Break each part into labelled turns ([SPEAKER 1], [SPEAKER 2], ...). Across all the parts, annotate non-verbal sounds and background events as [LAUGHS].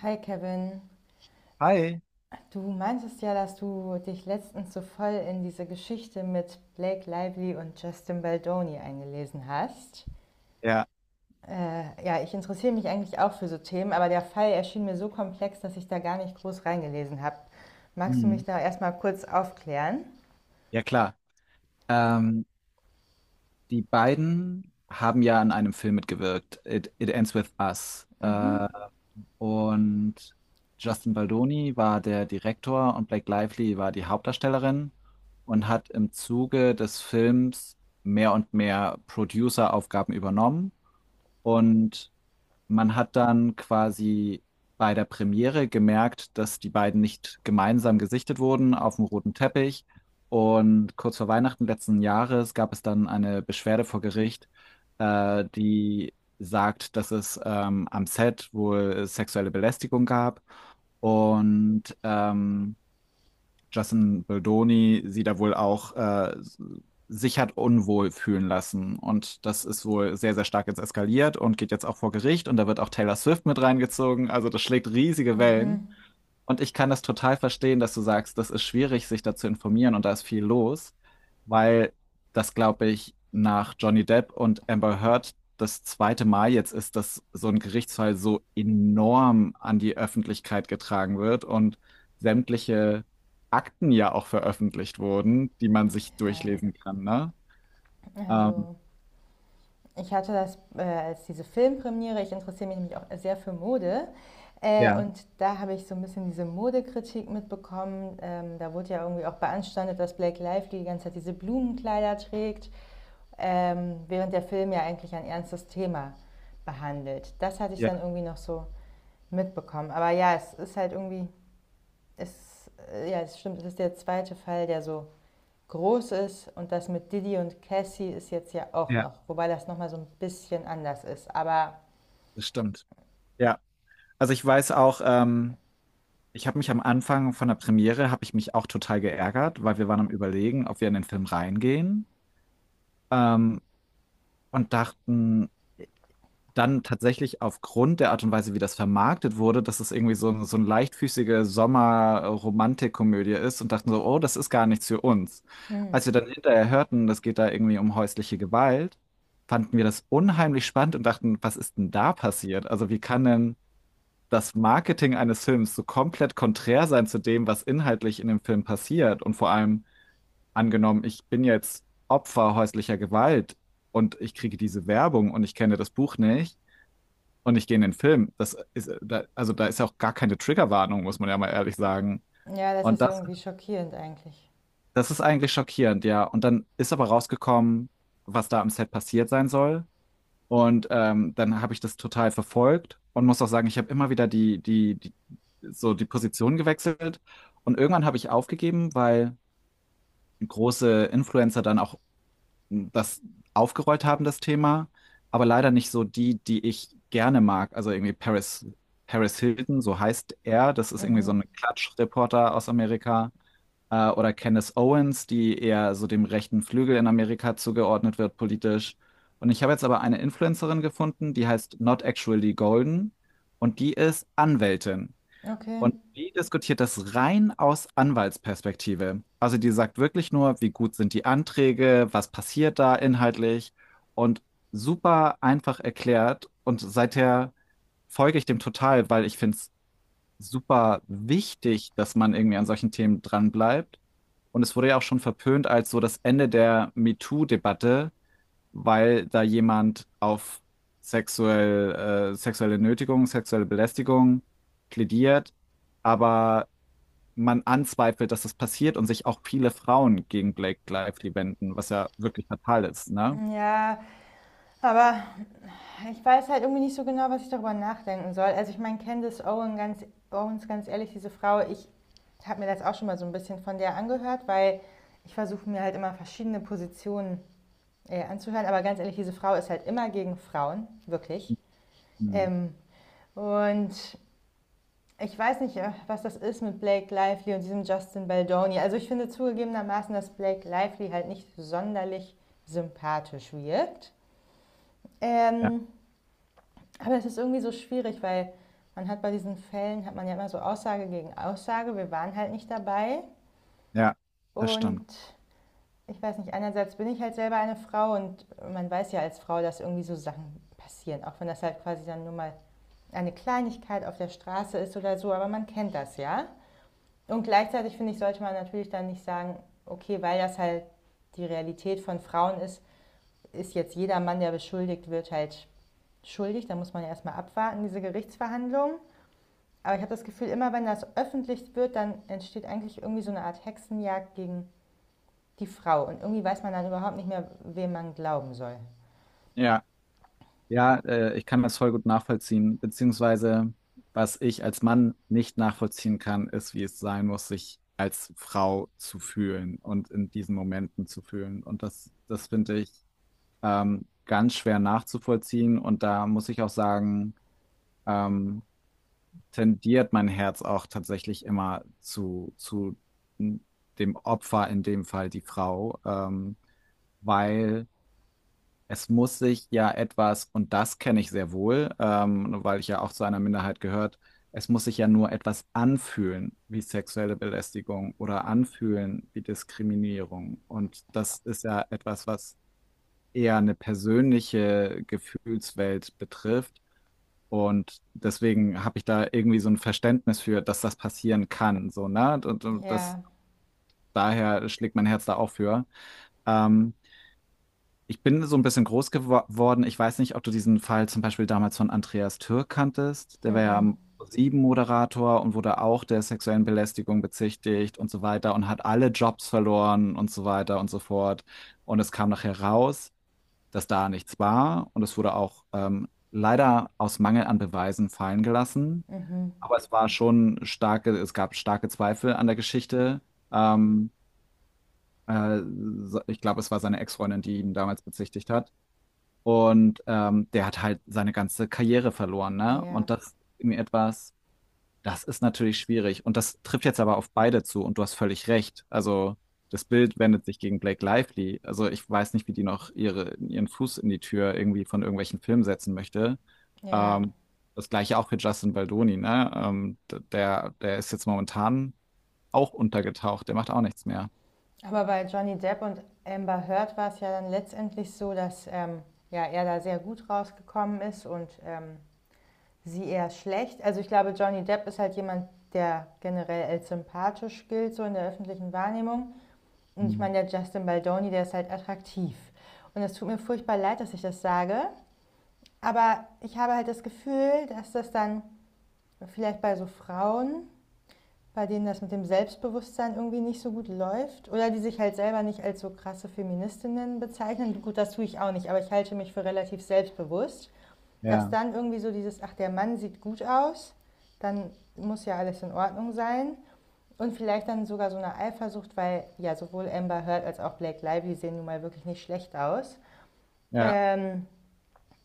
[SPEAKER 1] Hi Kevin,
[SPEAKER 2] Hi.
[SPEAKER 1] du meintest ja, dass du dich letztens so voll in diese Geschichte mit Blake Lively und Justin Baldoni eingelesen hast.
[SPEAKER 2] Ja.
[SPEAKER 1] Ja, Ich interessiere mich eigentlich auch für so Themen, aber der Fall erschien mir so komplex, dass ich da gar nicht groß reingelesen habe. Magst du mich
[SPEAKER 2] Hm,
[SPEAKER 1] da erstmal kurz aufklären?
[SPEAKER 2] ja klar. Ähm, Die beiden haben ja an einem Film mitgewirkt, It Ends With Us. Und Justin Baldoni war der Direktor und Blake Lively war die Hauptdarstellerin und hat im Zuge des Films mehr und mehr Producer-Aufgaben übernommen. Und man hat dann quasi bei der Premiere gemerkt, dass die beiden nicht gemeinsam gesichtet wurden auf dem roten Teppich. Und kurz vor Weihnachten letzten Jahres gab es dann eine Beschwerde vor Gericht, die sagt, dass es am Set wohl sexuelle Belästigung gab. Und Justin Baldoni sie da wohl auch sich hat unwohl fühlen lassen. Und das ist wohl sehr, sehr stark jetzt eskaliert und geht jetzt auch vor Gericht. Und da wird auch Taylor Swift mit reingezogen. Also das schlägt riesige Wellen. Und ich kann das total verstehen, dass du sagst, das ist schwierig, sich da zu informieren und da ist viel los, weil das, glaube ich, nach Johnny Depp und Amber Heard das zweite Mal jetzt ist, dass so ein Gerichtsfall so enorm an die Öffentlichkeit getragen wird und sämtliche Akten ja auch veröffentlicht wurden, die man sich
[SPEAKER 1] Ja,
[SPEAKER 2] durchlesen kann, ne? Ähm,
[SPEAKER 1] also ich hatte das als diese Filmpremiere, ich interessiere mich nämlich auch sehr für Mode.
[SPEAKER 2] ja,
[SPEAKER 1] Und da habe ich so ein bisschen diese Modekritik mitbekommen. Da wurde ja irgendwie auch beanstandet, dass Blake Lively die ganze Zeit diese Blumenkleider trägt, während der Film ja eigentlich ein ernstes Thema behandelt. Das hatte ich
[SPEAKER 2] ja,
[SPEAKER 1] dann irgendwie noch so mitbekommen. Aber ja, es ist halt irgendwie, es stimmt, es ist der zweite Fall, der so groß ist, und das mit Didi und Cassie ist jetzt ja auch
[SPEAKER 2] ja,
[SPEAKER 1] noch, wobei das nochmal so ein bisschen anders ist. Aber
[SPEAKER 2] das stimmt. Ja, also ich weiß auch, ich habe mich am Anfang von der Premiere habe ich mich auch total geärgert, weil wir waren am Überlegen, ob wir in den Film reingehen, ähm, und dachten äh, dann tatsächlich aufgrund der Art und Weise, wie das vermarktet wurde, dass es irgendwie so, so eine leichtfüßige Sommer-Romantikkomödie ist und dachten so, oh, das ist gar nichts für uns.
[SPEAKER 1] hm,
[SPEAKER 2] Als wir dann hinterher hörten, das geht da irgendwie um häusliche Gewalt, fanden wir das unheimlich spannend und dachten, was ist denn da passiert? Also wie kann denn das Marketing eines Films so komplett konträr sein zu dem, was inhaltlich in dem Film passiert. Und vor allem angenommen, ich bin jetzt Opfer häuslicher Gewalt und ich kriege diese Werbung und ich kenne das Buch nicht und ich gehe in den Film. Das ist, da, also da ist ja auch gar keine Triggerwarnung, muss man ja mal ehrlich sagen.
[SPEAKER 1] ja, das
[SPEAKER 2] Und
[SPEAKER 1] ist
[SPEAKER 2] das,
[SPEAKER 1] irgendwie schockierend eigentlich.
[SPEAKER 2] das ist eigentlich schockierend, ja. Und dann ist aber rausgekommen, was da am Set passiert sein soll. Und dann habe ich das total verfolgt und muss auch sagen, ich habe immer wieder so die Position gewechselt. Und irgendwann habe ich aufgegeben, weil große Influencer dann auch das aufgerollt haben, das Thema, aber leider nicht so die, die ich gerne mag. Also irgendwie Paris Hilton, so heißt er. Das ist irgendwie so
[SPEAKER 1] Mhm,
[SPEAKER 2] ein Klatschreporter aus Amerika. Oder Candace Owens, die eher so dem rechten Flügel in Amerika zugeordnet wird politisch. Und ich habe jetzt aber eine Influencerin gefunden, die heißt Not Actually Golden und die ist Anwältin.
[SPEAKER 1] okay.
[SPEAKER 2] Und die diskutiert das rein aus Anwaltsperspektive. Also die sagt wirklich nur, wie gut sind die Anträge, was passiert da inhaltlich und super einfach erklärt. Und seither folge ich dem total, weil ich finde es super wichtig, dass man irgendwie an solchen Themen dranbleibt. Und es wurde ja auch schon verpönt als so das Ende der MeToo-Debatte, weil da jemand auf sexuelle Nötigung, sexuelle Belästigung plädiert. Aber man anzweifelt, dass das passiert und sich auch viele Frauen gegen Blake Lively wenden, was ja wirklich fatal ist, ne?
[SPEAKER 1] Ja, aber ich weiß halt irgendwie nicht so genau, was ich darüber nachdenken soll. Also ich meine, Candice Owens, ganz ehrlich, diese Frau, ich habe mir das auch schon mal so ein bisschen von der angehört, weil ich versuche mir halt immer verschiedene Positionen anzuhören. Aber ganz ehrlich, diese Frau ist halt immer gegen Frauen, wirklich.
[SPEAKER 2] Hm.
[SPEAKER 1] Ähm, und ich weiß nicht, was das ist mit Blake Lively und diesem Justin Baldoni. Also ich finde zugegebenermaßen, dass Blake Lively halt nicht sonderlich sympathisch wirkt.
[SPEAKER 2] Ja,
[SPEAKER 1] Ähm, aber es ist irgendwie so schwierig, weil man hat bei diesen Fällen, hat man ja immer so Aussage gegen Aussage. Wir waren halt nicht dabei.
[SPEAKER 2] ja, das stimmt.
[SPEAKER 1] Und ich weiß nicht, einerseits bin ich halt selber eine Frau und man weiß ja als Frau, dass irgendwie so Sachen passieren. Auch wenn das halt quasi dann nur mal eine Kleinigkeit auf der Straße ist oder so. Aber man kennt das ja. Und gleichzeitig finde ich, sollte man natürlich dann nicht sagen, okay, weil das halt die Realität von Frauen ist, ist jetzt jeder Mann, der beschuldigt wird, halt schuldig. Da muss man ja erstmal abwarten, diese Gerichtsverhandlung. Aber ich habe das Gefühl, immer wenn das öffentlich wird, dann entsteht eigentlich irgendwie so eine Art Hexenjagd gegen die Frau. Und irgendwie weiß man dann überhaupt nicht mehr, wem man glauben soll.
[SPEAKER 2] Ja, ja, ich, kann das voll gut nachvollziehen, beziehungsweise was ich als Mann nicht nachvollziehen kann, ist, wie es sein muss, sich als Frau zu fühlen und in diesen Momenten zu fühlen. Und das, das finde ich ganz schwer nachzuvollziehen. Und da muss ich auch sagen, ähm, tendiert mein Herz auch tatsächlich immer zu dem Opfer, in dem Fall die Frau, weil es muss sich ja etwas, und das kenne ich sehr wohl, weil ich ja auch zu einer Minderheit gehört, es muss sich ja nur etwas anfühlen wie sexuelle Belästigung oder anfühlen wie Diskriminierung. Und das ist ja etwas, was eher eine persönliche Gefühlswelt betrifft. Und deswegen habe ich da irgendwie so ein Verständnis für, dass das passieren kann. So, ne? Und das,
[SPEAKER 1] Ja,
[SPEAKER 2] daher schlägt mein Herz da auch für. Ähm, Ich bin so ein bisschen groß geworden. Ich weiß nicht, ob du diesen Fall zum Beispiel damals von Andreas Türk kanntest. Der war ja
[SPEAKER 1] mhm,
[SPEAKER 2] am pro moderator und wurde auch der sexuellen Belästigung bezichtigt und so weiter und hat alle Jobs verloren und so weiter und so fort. Und es kam nachher raus, dass da nichts war und es wurde auch leider aus Mangel an Beweisen fallen gelassen. Aber es war schon starke, es gab starke Zweifel an der Geschichte. Ähm, äh, Ich glaube, es war seine Ex-Freundin, die ihn damals bezichtigt hat. Und der hat halt seine ganze Karriere verloren,
[SPEAKER 1] mhm,
[SPEAKER 2] ne?
[SPEAKER 1] ja,
[SPEAKER 2] Und das ist mir etwas, das ist natürlich schwierig und das trifft jetzt aber auf beide zu und du hast völlig recht. Also das Bild wendet sich gegen Blake Lively. Also ich weiß nicht, wie die noch ihren Fuß in die Tür irgendwie von irgendwelchen Filmen setzen möchte.
[SPEAKER 1] ja.
[SPEAKER 2] Ähm, Das gleiche auch für Justin Baldoni, ne? Der ist jetzt momentan auch untergetaucht, der macht auch nichts mehr.
[SPEAKER 1] Aber bei Johnny Depp und Amber Heard war es ja dann letztendlich so, dass ja, er da sehr gut rausgekommen ist und sie eher schlecht. Also ich glaube, Johnny Depp ist halt jemand, der generell als sympathisch gilt, so in der öffentlichen Wahrnehmung. Und ich
[SPEAKER 2] Hm.
[SPEAKER 1] meine, der Justin Baldoni, der ist halt attraktiv. Und es tut mir furchtbar leid, dass ich das sage. Aber ich habe halt das Gefühl, dass das dann vielleicht bei so Frauen, bei denen das mit dem Selbstbewusstsein irgendwie nicht so gut läuft oder die sich halt selber nicht als so krasse Feministinnen bezeichnen. Gut, das tue ich auch nicht, aber ich halte mich für relativ selbstbewusst, dass
[SPEAKER 2] Ja.
[SPEAKER 1] dann irgendwie so dieses, ach, der Mann sieht gut aus, dann muss ja alles in Ordnung sein. Und vielleicht dann sogar so eine Eifersucht, weil ja sowohl Amber Heard als auch Blake Lively sehen nun mal wirklich nicht schlecht aus.
[SPEAKER 2] Ja.
[SPEAKER 1] Ähm,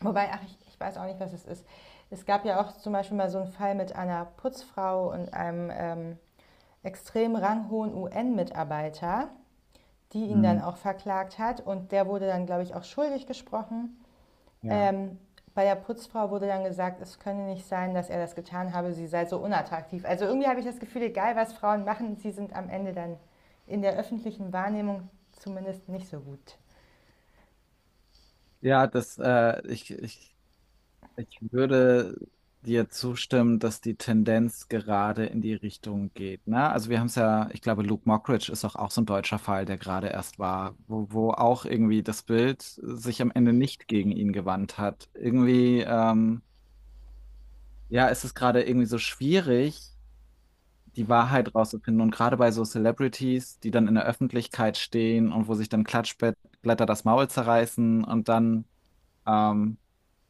[SPEAKER 1] wobei, ach, ich weiß auch nicht, was es ist. Es gab ja auch zum Beispiel mal so einen Fall mit einer Putzfrau und einem extrem ranghohen UN-Mitarbeiter, die ihn
[SPEAKER 2] Hm.
[SPEAKER 1] dann auch verklagt hat. Und der wurde dann, glaube ich, auch schuldig gesprochen.
[SPEAKER 2] Ja.
[SPEAKER 1] Ähm, bei der Putzfrau wurde dann gesagt, es könne nicht sein, dass er das getan habe, sie sei so unattraktiv. Also irgendwie habe ich das Gefühl, egal was Frauen machen, sie sind am Ende dann in der öffentlichen Wahrnehmung zumindest nicht so gut.
[SPEAKER 2] Ja, das, ich, ich Ich würde dir zustimmen, dass die Tendenz gerade in die Richtung geht. Ne? Also wir haben es ja, ich glaube, Luke Mockridge ist auch, auch so ein deutscher Fall, der gerade erst war, wo auch irgendwie das Bild sich am Ende nicht gegen ihn gewandt hat. Irgendwie, ja, es ist gerade irgendwie so schwierig, die Wahrheit rauszufinden. Und gerade bei so Celebrities, die dann in der Öffentlichkeit stehen und wo sich dann Klatschblätter das Maul zerreißen und dann ähm,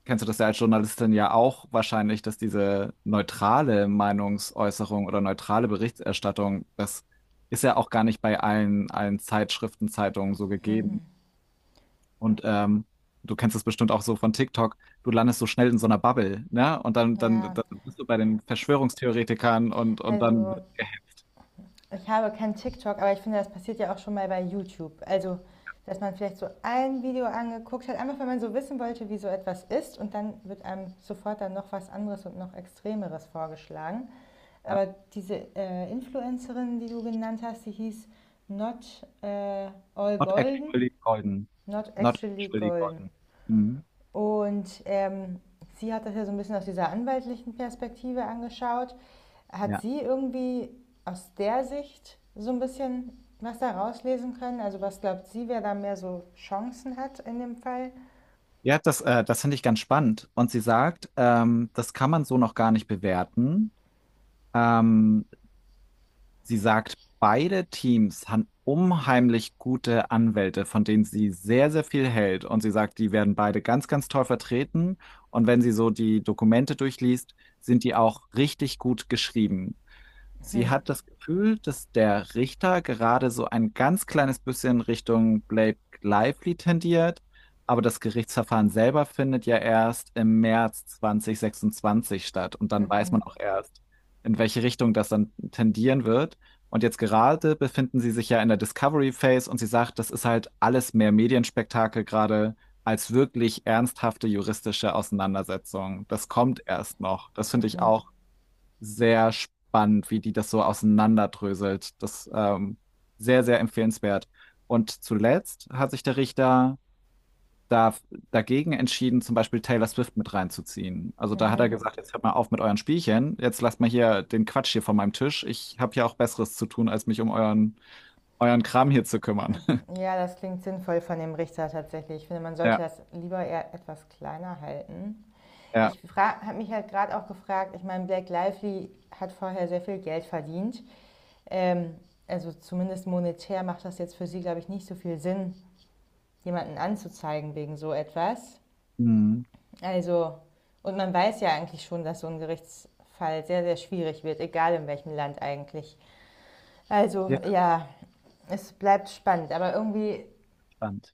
[SPEAKER 2] kennst du das ja als Journalistin ja auch wahrscheinlich, dass diese neutrale Meinungsäußerung oder neutrale Berichterstattung, das ist ja auch gar nicht bei allen Zeitschriften, Zeitungen so gegeben. Und du kennst es bestimmt auch so von TikTok, du landest so schnell in so einer Bubble, ne? Und
[SPEAKER 1] Ja,
[SPEAKER 2] dann bist du bei den Verschwörungstheoretikern und dann
[SPEAKER 1] also
[SPEAKER 2] wird
[SPEAKER 1] ich habe kein TikTok, aber ich finde, das passiert ja auch schon mal bei YouTube. Also, dass man vielleicht so ein Video angeguckt hat, einfach wenn man so wissen wollte, wie so etwas ist und dann wird einem sofort dann noch was anderes und noch Extremeres vorgeschlagen.
[SPEAKER 2] ja,
[SPEAKER 1] Aber diese Influencerin, die du genannt hast, die hieß Not All
[SPEAKER 2] not
[SPEAKER 1] Golden,
[SPEAKER 2] actually golden.
[SPEAKER 1] Not
[SPEAKER 2] Not
[SPEAKER 1] Actually
[SPEAKER 2] actually
[SPEAKER 1] Golden.
[SPEAKER 2] golden. Mhm.
[SPEAKER 1] Und sie hat das ja so ein bisschen aus dieser anwaltlichen Perspektive angeschaut. Hat
[SPEAKER 2] Ja.
[SPEAKER 1] sie irgendwie aus der Sicht so ein bisschen was da rauslesen können? Also was glaubt sie, wer da mehr so Chancen hat in dem Fall?
[SPEAKER 2] Ja, das finde ich ganz spannend. Und sie sagt, das kann man so noch gar nicht bewerten. Ähm, Sie sagt, beide Teams haben unheimlich gute Anwälte, von denen sie sehr, sehr viel hält. Und sie sagt, die werden beide ganz, ganz toll vertreten. Und wenn sie so die Dokumente durchliest, sind die auch richtig gut geschrieben. Sie hat das Gefühl, dass der Richter gerade so ein ganz kleines bisschen Richtung Blake Lively tendiert, aber das Gerichtsverfahren selber findet ja erst im März 2026 statt und dann weiß
[SPEAKER 1] Mhm,
[SPEAKER 2] man auch erst, in welche Richtung das dann tendieren wird. Und jetzt gerade befinden sie sich ja in der Discovery Phase und sie sagt, das ist halt alles mehr Medienspektakel gerade als wirklich ernsthafte juristische Auseinandersetzung. Das kommt erst noch. Das finde ich
[SPEAKER 1] mhm,
[SPEAKER 2] auch sehr spannend, wie die das so auseinanderdröselt. Das sehr, sehr empfehlenswert. Und zuletzt hat sich der Richter da dagegen entschieden, zum Beispiel Taylor Swift mit reinzuziehen. Also da hat er
[SPEAKER 1] mhm.
[SPEAKER 2] gesagt, jetzt hört mal auf mit euren Spielchen, jetzt lasst mal hier den Quatsch hier von meinem Tisch. Ich habe ja auch Besseres zu tun, als mich um euren Kram hier zu kümmern. [LAUGHS]
[SPEAKER 1] Ja, das klingt sinnvoll von dem Richter tatsächlich. Ich finde, man sollte
[SPEAKER 2] Ja,
[SPEAKER 1] das lieber eher etwas kleiner halten.
[SPEAKER 2] ja.
[SPEAKER 1] Ich habe mich halt gerade auch gefragt, ich meine, Black Lively hat vorher sehr viel Geld verdient. Ähm, also zumindest monetär macht das jetzt für sie, glaube ich, nicht so viel Sinn, jemanden anzuzeigen wegen so etwas.
[SPEAKER 2] Mhm.
[SPEAKER 1] Also, und man weiß ja eigentlich schon, dass so ein Gerichtsfall sehr, sehr schwierig wird, egal in welchem Land eigentlich. Also,
[SPEAKER 2] Ja,
[SPEAKER 1] ja, es bleibt spannend, aber irgendwie
[SPEAKER 2] spannend.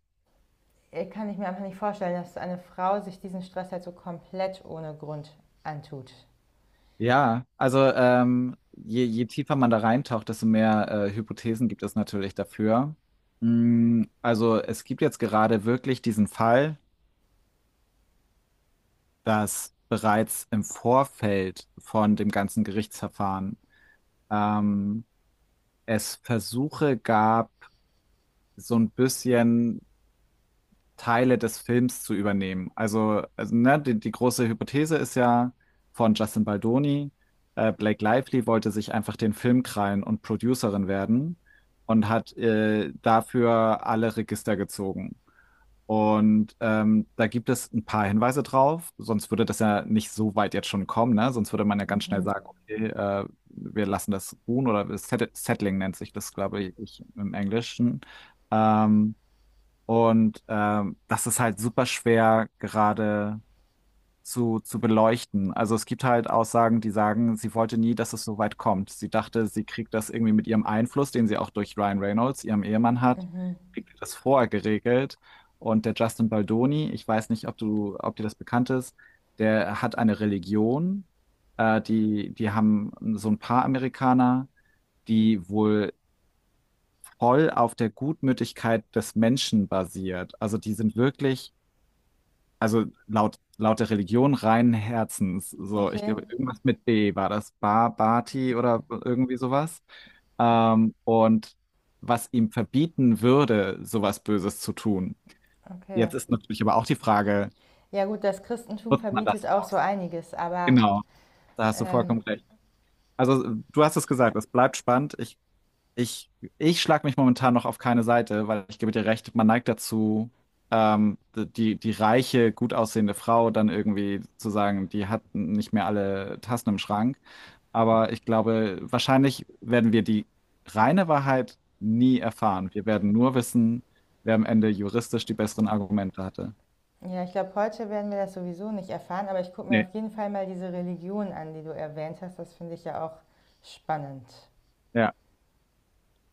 [SPEAKER 1] kann ich mir einfach nicht vorstellen, dass eine Frau sich diesen Stress halt so komplett ohne Grund antut.
[SPEAKER 2] Ja, also je tiefer man da reintaucht, desto mehr Hypothesen gibt es natürlich dafür. Mm, also es gibt jetzt gerade wirklich diesen Fall, dass bereits im Vorfeld von dem ganzen Gerichtsverfahren ähm, es Versuche gab, so ein bisschen Teile des Films zu übernehmen. Also ne, die große Hypothese ist ja von Justin Baldoni, Blake Lively wollte sich einfach den Film krallen und Producerin werden und hat dafür alle Register gezogen. Und da gibt es ein paar Hinweise drauf, sonst würde das ja nicht so weit jetzt schon kommen, ne? Sonst würde man ja ganz schnell
[SPEAKER 1] Mhm,
[SPEAKER 2] sagen, okay, wir lassen das ruhen oder das Settling nennt sich das, glaube ich, im Englischen. Ähm, Das ist halt super schwer gerade zu beleuchten. Also es gibt halt Aussagen, die sagen, sie wollte nie, dass es so weit kommt. Sie dachte, sie kriegt das irgendwie mit ihrem Einfluss, den sie auch durch Ryan Reynolds, ihrem Ehemann hat,
[SPEAKER 1] mhm.
[SPEAKER 2] kriegt sie das vorher geregelt. Und der Justin Baldoni, ich weiß nicht, ob dir das bekannt ist, der hat eine Religion. Die haben so ein paar Amerikaner, die wohl voll auf der Gutmütigkeit des Menschen basiert. Also die sind wirklich also laut der Religion reinen Herzens. So, ich
[SPEAKER 1] Okay,
[SPEAKER 2] glaube, irgendwas mit B war das. Ba, Bati oder irgendwie sowas. Und was ihm verbieten würde, sowas Böses zu tun.
[SPEAKER 1] okay.
[SPEAKER 2] Jetzt ist natürlich aber auch die Frage,
[SPEAKER 1] Ja gut, das Christentum
[SPEAKER 2] macht man das
[SPEAKER 1] verbietet auch so
[SPEAKER 2] aus?
[SPEAKER 1] einiges, aber
[SPEAKER 2] Genau, da hast du
[SPEAKER 1] ähm,
[SPEAKER 2] vollkommen recht. Also, du hast es gesagt, es bleibt spannend. Ich, Ich schlage mich momentan noch auf keine Seite, weil ich gebe dir recht, man neigt dazu, die reiche, gut aussehende Frau dann irgendwie zu sagen, die hat nicht mehr alle Tassen im Schrank. Aber ich glaube, wahrscheinlich werden wir die reine Wahrheit nie erfahren. Wir werden nur wissen, wer am Ende juristisch die besseren Argumente hatte.
[SPEAKER 1] ja, ich glaube, heute werden wir das sowieso nicht erfahren, aber ich gucke mir
[SPEAKER 2] Nee.
[SPEAKER 1] auf jeden Fall mal diese Religion an, die du erwähnt hast. Das finde ich ja auch spannend.
[SPEAKER 2] Ja.